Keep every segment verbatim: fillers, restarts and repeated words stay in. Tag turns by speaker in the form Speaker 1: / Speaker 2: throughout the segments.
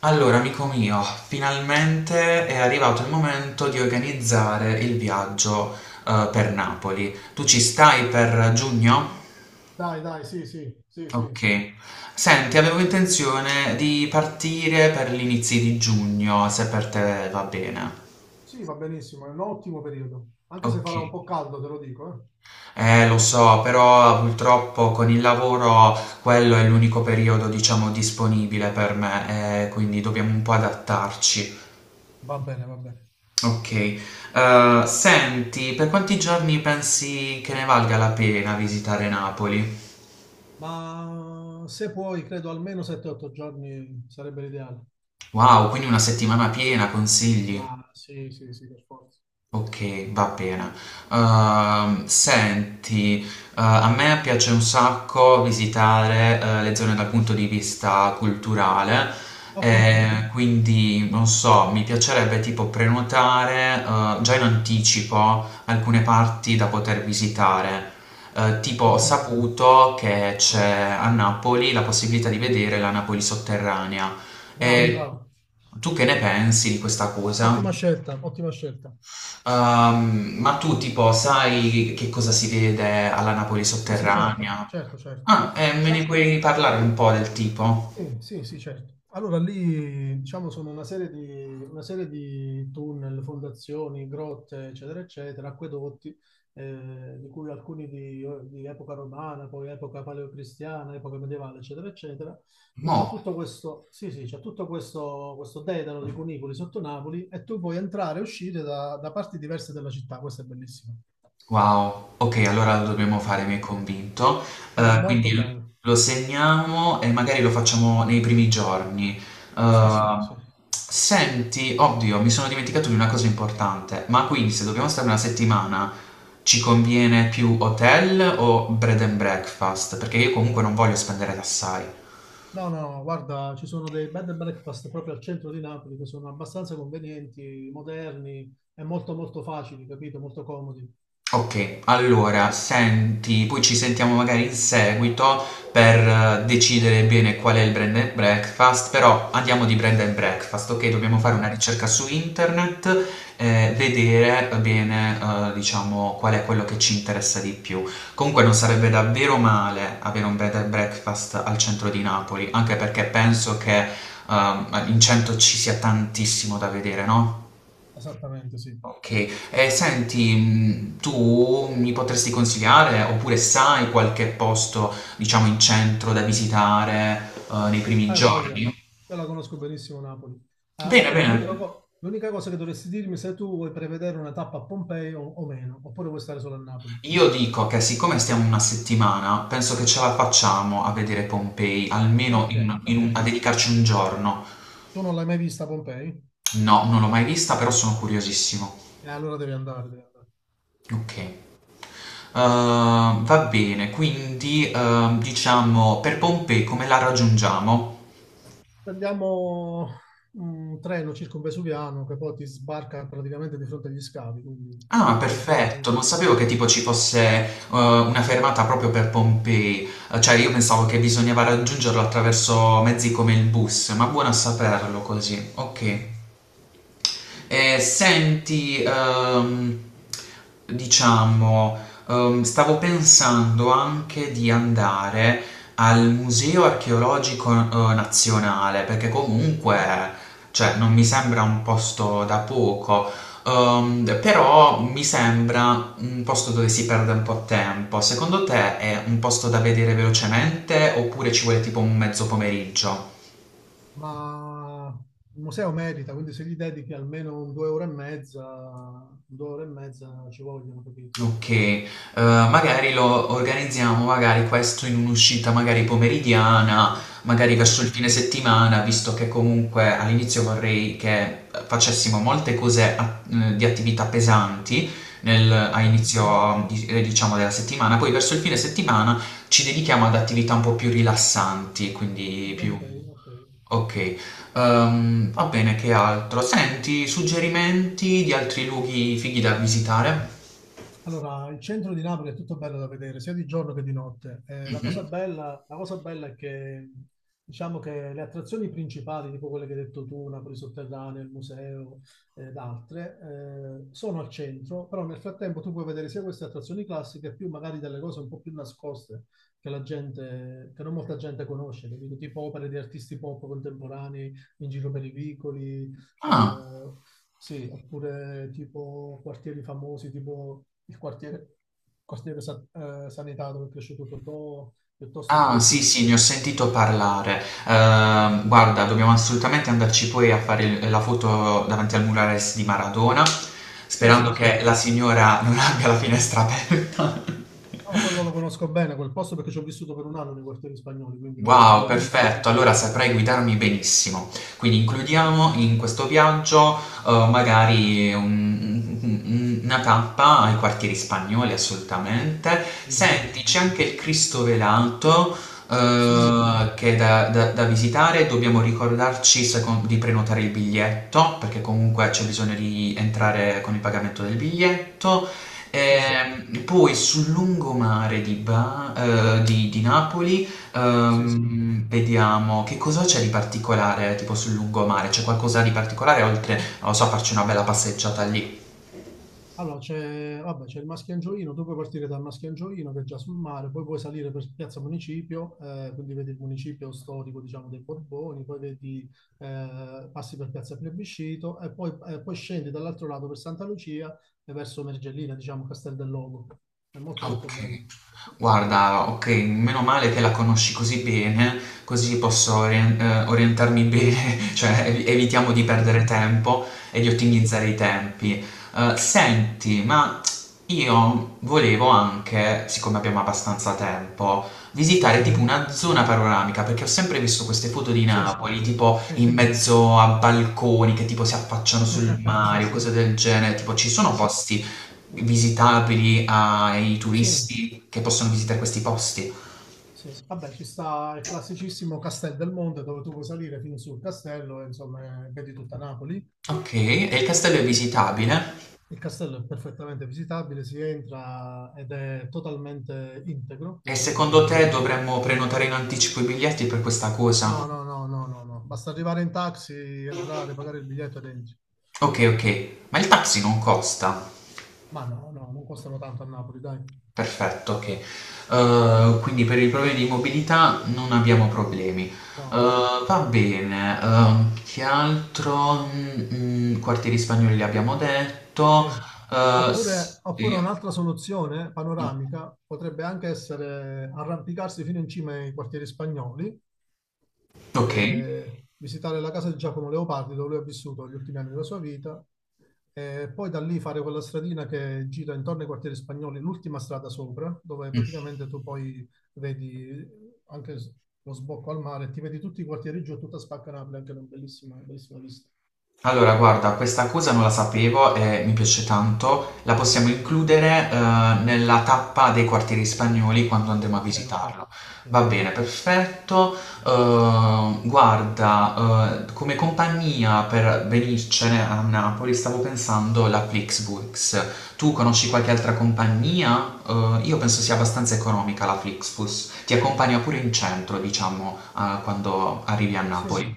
Speaker 1: Allora, amico mio, finalmente è arrivato il momento di organizzare il viaggio, eh, per Napoli. Tu ci stai per giugno?
Speaker 2: Dai, dai, sì, sì, sì, sì.
Speaker 1: Ok. Senti, avevo intenzione di partire per gli inizi di giugno, se per te va bene.
Speaker 2: Sì, va benissimo, è un ottimo periodo. Anche se
Speaker 1: Ok.
Speaker 2: farà un po' caldo, te lo dico, eh.
Speaker 1: Eh, lo so, però purtroppo con il lavoro quello è l'unico periodo, diciamo, disponibile per me, eh, quindi dobbiamo un po' adattarci.
Speaker 2: Va bene, va bene.
Speaker 1: Okay. Ehm, senti, per quanti giorni pensi che ne valga la pena visitare Napoli?
Speaker 2: Ma se puoi, credo almeno sette otto giorni sarebbe l'ideale.
Speaker 1: Wow, quindi una settimana piena, consigli?
Speaker 2: Ma sì, sì, sì, per forza.
Speaker 1: Ok, va bene. Ehm, senti, eh, a me piace un sacco visitare, eh, le zone dal punto di vista culturale. Mhm.
Speaker 2: Ok.
Speaker 1: Eh, quindi non so, mi piacerebbe tipo prenotare, eh, già in anticipo alcune parti da poter visitare. Eh, tipo, ho
Speaker 2: Mm,
Speaker 1: saputo che c'è a Napoli la possibilità di vedere la Napoli sotterranea. Mm.
Speaker 2: bravo,
Speaker 1: E
Speaker 2: bravo.
Speaker 1: tu che ne pensi di questa cosa?
Speaker 2: Ottima scelta, ottima scelta.
Speaker 1: Ehm, ma tu tipo sai che cosa si vede alla Napoli
Speaker 2: Sì, sì, certo,
Speaker 1: sotterranea?
Speaker 2: certo, certo.
Speaker 1: Ah, eh, me ne
Speaker 2: Diciamo,
Speaker 1: puoi parlare un po' del tipo?
Speaker 2: sì, sì, sì, certo. Allora lì, diciamo, sono una serie di, una serie di tunnel, fondazioni, grotte, eccetera, eccetera, acquedotti, eh, di cui alcuni di, di epoca romana, poi epoca paleocristiana, epoca medievale, eccetera, eccetera. Quindi c'è
Speaker 1: No.
Speaker 2: tutto questo, sì, sì, c'è tutto questo, questo dedalo di cunicoli sotto Napoli e tu puoi entrare e uscire da, da parti diverse della città. Questo è bellissimo.
Speaker 1: Wow. Ok, allora lo dobbiamo fare, mi hai convinto.
Speaker 2: Sì, è
Speaker 1: Eh, quindi
Speaker 2: molto bello.
Speaker 1: lo segniamo e magari lo facciamo nei primi giorni.
Speaker 2: Sì, sì,
Speaker 1: Eh,
Speaker 2: sì.
Speaker 1: Senti, oddio, mi sono dimenticato di una cosa importante. Ma quindi se dobbiamo stare una settimana, ci conviene più hotel o bread and breakfast? Perché io comunque non voglio spendere assai.
Speaker 2: No, no, no, guarda, ci sono dei bed and breakfast proprio al centro di Napoli che sono abbastanza convenienti, moderni e molto molto facili, capito? Molto comodi.
Speaker 1: Okay, allora senti poi ci sentiamo magari in seguito per eh, decidere bene qual è il Brand and Breakfast, però andiamo di Brand and Breakfast, okay, dobbiamo fare una
Speaker 2: Sì, sì,
Speaker 1: ricerca su internet, ehm, vedere bene, uhm, diciamo qual è quello che ci interessa di più. Comunque non sarebbe davvero male avere un Bed and Breakfast al centro di Napoli, anche perché penso che, uhm, in centro ci sia tantissimo da vedere, no?
Speaker 2: esattamente, sì.
Speaker 1: Ok, e senti, mh, tu mi potresti consigliare oppure sai qualche posto, diciamo, in centro da visitare eh, nei primi
Speaker 2: Hai voglia,
Speaker 1: giorni?
Speaker 2: io la conosco benissimo Napoli. Ah,
Speaker 1: Bene. Mhm.
Speaker 2: ascolta, l'unica
Speaker 1: Bene.
Speaker 2: co- l'unica cosa che dovresti dirmi è se tu vuoi prevedere una tappa a Pompei o, o meno, oppure vuoi stare solo a Napoli.
Speaker 1: Io dico che siccome stiamo una settimana, penso che ce la facciamo a vedere Pompei,
Speaker 2: Ah,
Speaker 1: almeno
Speaker 2: ok,
Speaker 1: in- in
Speaker 2: ok.
Speaker 1: un- a dedicarci un giorno.
Speaker 2: Tu non l'hai mai vista a Pompei?
Speaker 1: No, non l'ho mai vista, però sono curiosissimo.
Speaker 2: E allora devi andare, devi andare.
Speaker 1: Ok. Eh, va bene, quindi ehm, diciamo per Pompei come la raggiungiamo?
Speaker 2: Prendiamo un treno circumvesuviano che poi ti sbarca praticamente di fronte agli scavi, quindi
Speaker 1: Ah,
Speaker 2: venti
Speaker 1: perfetto,
Speaker 2: minuti.
Speaker 1: non
Speaker 2: trenta
Speaker 1: sapevo che tipo
Speaker 2: secondi,
Speaker 1: ci fosse eh, una fermata proprio per Pompei. Eh, cioè io
Speaker 2: così.
Speaker 1: pensavo che bisognava raggiungerlo attraverso mezzi come il bus, ma buono a saperlo così, ok. Eh, senti, ehm, diciamo, ehm, stavo pensando anche di andare al Museo Archeologico eh, Nazionale, perché comunque, cioè, non mi sembra un posto da poco, ehm, però mi sembra un posto dove si perde un po' tempo. Secondo te è un posto da vedere velocemente oppure ci vuole tipo un mezzo pomeriggio?
Speaker 2: Ma il museo merita, quindi se gli dedichi almeno un due ore e mezza, due ore e mezza ci vogliono, capito?
Speaker 1: Okay, uhm, magari lo organizziamo magari questo in un'uscita magari pomeridiana, magari
Speaker 2: Sì,
Speaker 1: verso il
Speaker 2: sì,
Speaker 1: fine settimana, visto che comunque all'inizio vorrei che, uhm, facessimo molte cose a mhmm, di attività pesanti nel a
Speaker 2: ok,
Speaker 1: inizio di ehm, diciamo della settimana, poi verso il fine settimana ci dedichiamo ad attività un po' più rilassanti, quindi più
Speaker 2: ok, ok.
Speaker 1: okay. Uhm, va bene, che altro? Senti, suggerimenti di altri luoghi fighi da visitare?
Speaker 2: Allora, il centro di Napoli è tutto bello da vedere, sia di giorno che di notte. Eh, la
Speaker 1: Mh-mh.
Speaker 2: cosa bella, la cosa bella è che, diciamo che le attrazioni principali, tipo quelle che hai detto tu, Napoli Sotterranea, il museo ed altre, eh, sono al centro, però nel frattempo tu puoi vedere sia queste attrazioni classiche, più magari delle cose un po' più nascoste che la gente, che non molta gente conosce, capito? Tipo opere di artisti pop contemporanei in giro per i vicoli,
Speaker 1: Ah.
Speaker 2: eh, sì, oppure tipo quartieri famosi, tipo il quartiere, quartiere Sa- eh, Sanità dove è cresciuto Totò, piuttosto che
Speaker 1: Ah, sì,
Speaker 2: quartieri...
Speaker 1: sì,
Speaker 2: sp-
Speaker 1: ne ho sentito parlare. Ehm, guarda, dobbiamo assolutamente andarci poi a fare il- la foto davanti al murales di Maradona,
Speaker 2: Sì,
Speaker 1: sperando
Speaker 2: sì, sì.
Speaker 1: che la signora non abbia la finestra aperta.
Speaker 2: No, quello lo conosco bene, quel posto perché ci ho vissuto per un anno nei quartieri spagnoli, quindi lo conosco
Speaker 1: Wow,
Speaker 2: molto, molto
Speaker 1: perfetto, allora
Speaker 2: bene.
Speaker 1: saprai guidarmi benissimo. Quindi
Speaker 2: Sì, sì, sì.
Speaker 1: includiamo in questo viaggio, eh, magari un- un- una tappa ai quartieri spagnoli, assolutamente.
Speaker 2: Sì, sì,
Speaker 1: Senti,
Speaker 2: sì.
Speaker 1: c'è anche il Cristo velato,
Speaker 2: Sì,
Speaker 1: eh, che è da, da- da visitare. Dobbiamo ricordarci secon- di prenotare il biglietto, perché comunque c'è bisogno di entrare con il pagamento del biglietto. Sì.
Speaker 2: sì,
Speaker 1: Ehm, poi sul lungomare di, Ba- eh, di di Napoli.
Speaker 2: sì.
Speaker 1: Ehm, vediamo, che cosa c'è di particolare tipo sul lungomare? C'è qualcosa di particolare oltre, non lo so, a farci una bella passeggiata lì?
Speaker 2: Allora, c'è vabbè, c'è il Maschio Angioino, tu puoi partire dal Maschio Angioino che è già sul mare, poi puoi salire per Piazza Municipio, eh, quindi vedi il municipio storico, diciamo, dei Borboni, poi vedi, eh, passi per Piazza Plebiscito e poi, eh, poi scendi dall'altro lato per Santa Lucia e verso Mergellina, diciamo, Castel del Logo. È molto
Speaker 1: Ok.
Speaker 2: molto bello.
Speaker 1: Guarda, ok, meno male che la conosci così bene, così posso orien- eh, orientarmi bene, cioè evi- evitiamo di
Speaker 2: Sì,
Speaker 1: perdere tempo e di
Speaker 2: sì,
Speaker 1: ottimizzare i tempi. Eh, senti, ma io volevo anche, siccome abbiamo abbastanza tempo, visitare
Speaker 2: sì,
Speaker 1: tipo una zona panoramica, perché ho sempre visto queste foto di
Speaker 2: sì,
Speaker 1: Napoli, tipo
Speaker 2: sì,
Speaker 1: in mezzo a balconi che tipo si affacciano sul
Speaker 2: sì,
Speaker 1: mare o cose del genere, tipo ci sono
Speaker 2: sì.
Speaker 1: posti visitabili ai
Speaker 2: Sì.
Speaker 1: turisti che possono visitare questi posti.
Speaker 2: Sì, vabbè, ci sta il classicissimo Castel del Monte dove tu puoi salire fino sul castello e insomma eh, vedi tutta Napoli.
Speaker 1: Ok, e il castello è visitabile?
Speaker 2: Il castello è perfettamente visitabile, si entra ed è totalmente integro,
Speaker 1: E
Speaker 2: quindi
Speaker 1: secondo te
Speaker 2: capito?
Speaker 1: dovremmo prenotare in anticipo i biglietti per questa cosa?
Speaker 2: No, no, no, no, no, no. Basta arrivare in taxi, entrare, pagare il biglietto ed entri.
Speaker 1: Ok, ok, ma il taxi non costa.
Speaker 2: Ma no, no, non costano tanto a Napoli, dai.
Speaker 1: Perfetto, ok. Eh, quindi per i problemi di mobilità non abbiamo problemi. Eh,
Speaker 2: No, no, no.
Speaker 1: va bene, ehm, che altro? Mm, mm, quartieri spagnoli li abbiamo detto.
Speaker 2: Sì.
Speaker 1: Eh,
Speaker 2: Oppure, oppure
Speaker 1: sì.
Speaker 2: un'altra soluzione panoramica potrebbe anche essere arrampicarsi fino in cima ai quartieri spagnoli
Speaker 1: Ok.
Speaker 2: eh, visitare la casa di Giacomo Leopardi dove lui ha vissuto gli ultimi anni della sua vita e poi da lì fare quella stradina che gira intorno ai quartieri spagnoli, l'ultima strada sopra, dove
Speaker 1: Mm.
Speaker 2: praticamente tu poi vedi anche s- lo sbocco al mare, ti vedi tutti i quartieri giù, tutta Spacca Napoli, anche una bellissima, bellissima vista.
Speaker 1: Allora, guarda, questa cosa non la sapevo e mi piace tanto. La possiamo includere, eh, nella tappa dei quartieri spagnoli quando andremo a
Speaker 2: Ok, ok,
Speaker 1: visitarlo.
Speaker 2: ok.
Speaker 1: Va
Speaker 2: Ok.
Speaker 1: bene, perfetto. Eh, guarda, eh, come compagnia per venircene a Napoli stavo pensando la Flixbus. Tu conosci qualche altra compagnia? Eh, io penso sia abbastanza economica la Flixbus. Ti accompagna pure in centro, diciamo, eh, quando arrivi a
Speaker 2: Sì,
Speaker 1: Napoli.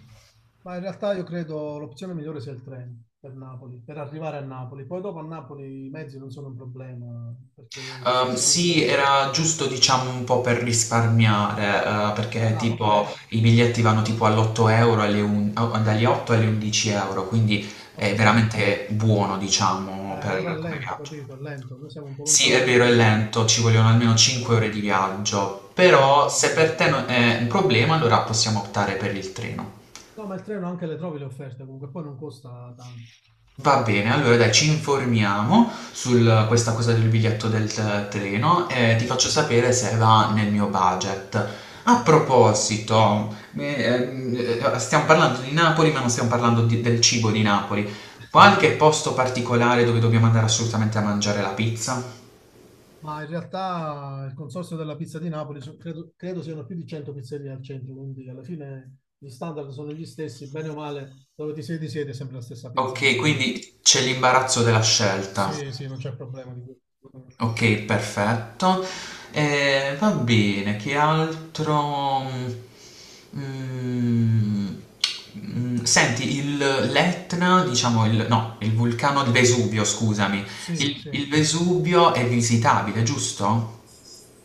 Speaker 2: ma in realtà io credo l'opzione migliore sia il treno per Napoli, per arrivare a Napoli. Poi dopo a Napoli i mezzi non sono un problema, perché ci sta
Speaker 1: Ehm,
Speaker 2: di
Speaker 1: sì,
Speaker 2: tutto.
Speaker 1: era giusto diciamo un po' per risparmiare, eh, perché
Speaker 2: Ah, ok.
Speaker 1: tipo i biglietti vanno tipo all'otto euro, alle un- o- dagli otto alle undici euro, quindi è
Speaker 2: Ok. Eh,
Speaker 1: veramente buono diciamo per
Speaker 2: però è
Speaker 1: come
Speaker 2: lento,
Speaker 1: viaggio.
Speaker 2: capito? È lento. Noi siamo un po'
Speaker 1: Sì, è
Speaker 2: lontanucci,
Speaker 1: vero, è
Speaker 2: quindi
Speaker 1: lento, ci vogliono almeno cinque ore
Speaker 2: eh,
Speaker 1: di viaggio,
Speaker 2: no,
Speaker 1: però
Speaker 2: non va
Speaker 1: se per
Speaker 2: bene.
Speaker 1: te non è un problema allora possiamo optare per il treno.
Speaker 2: No, ma il treno anche le trovi le offerte, comunque poi non costa tanto.
Speaker 1: Va bene, allora dai, ci informiamo su
Speaker 2: Ok.
Speaker 1: questa cosa del biglietto del t- treno e ti
Speaker 2: Ok.
Speaker 1: faccio sapere se va nel mio budget. A
Speaker 2: Va bene, va bene.
Speaker 1: proposito, eh, eh, stiamo parlando di Napoli, ma non stiamo parlando di- del cibo di Napoli. Qualche posto particolare dove dobbiamo andare assolutamente a mangiare la pizza?
Speaker 2: Ma in realtà il consorzio della pizza di Napoli so- credo, credo siano più di cento pizzerie al centro, quindi alla fine gli standard sono gli stessi, bene o male, dove ti siedi siete sempre la stessa pizza,
Speaker 1: Ok,
Speaker 2: quindi no.
Speaker 1: quindi c'è l'imbarazzo della scelta.
Speaker 2: Sì, sì, non c'è problema di quello.
Speaker 1: Ok, perfetto. Eh, va bene, che altro? Mm, mm, Senti, il l'Etna, diciamo, il, no, il vulcano del Vesuvio, scusami.
Speaker 2: Sì,
Speaker 1: Sì.
Speaker 2: sì.
Speaker 1: Il, il Vesuvio è visitabile, giusto?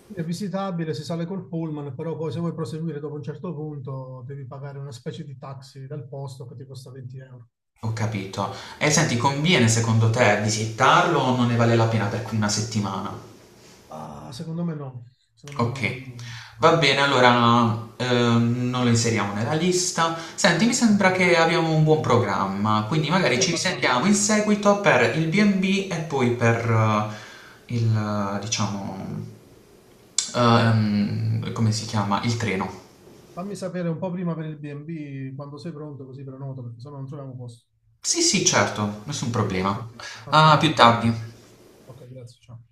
Speaker 2: È visitabile, si sale col pullman, però poi se vuoi proseguire dopo un certo punto devi pagare una specie di taxi dal posto che ti costa venti euro.
Speaker 1: Ho capito. E senti, conviene secondo te visitarlo o non ne vale la pena per una settimana?
Speaker 2: Ah, secondo me no, secondo me
Speaker 1: Ok,
Speaker 2: non conviene.
Speaker 1: va bene, allora ehm, non lo inseriamo nella lista. Senti, mi
Speaker 2: Ok.
Speaker 1: sembra che abbiamo un buon programma, quindi
Speaker 2: Sì,
Speaker 1: magari ci
Speaker 2: abbastanza.
Speaker 1: sentiamo in seguito per il B e B e B e poi per eh, il, eh, diciamo, ehm, come si chiama? Il treno.
Speaker 2: Fammi sapere un po' prima per il B e B quando sei pronto, così prenoto, perché sennò non troviamo posto.
Speaker 1: Sì, sì, certo, nessun
Speaker 2: Ok,
Speaker 1: problema.
Speaker 2: ok,
Speaker 1: A più
Speaker 2: perfetto.
Speaker 1: tardi.
Speaker 2: Ok, grazie, ciao.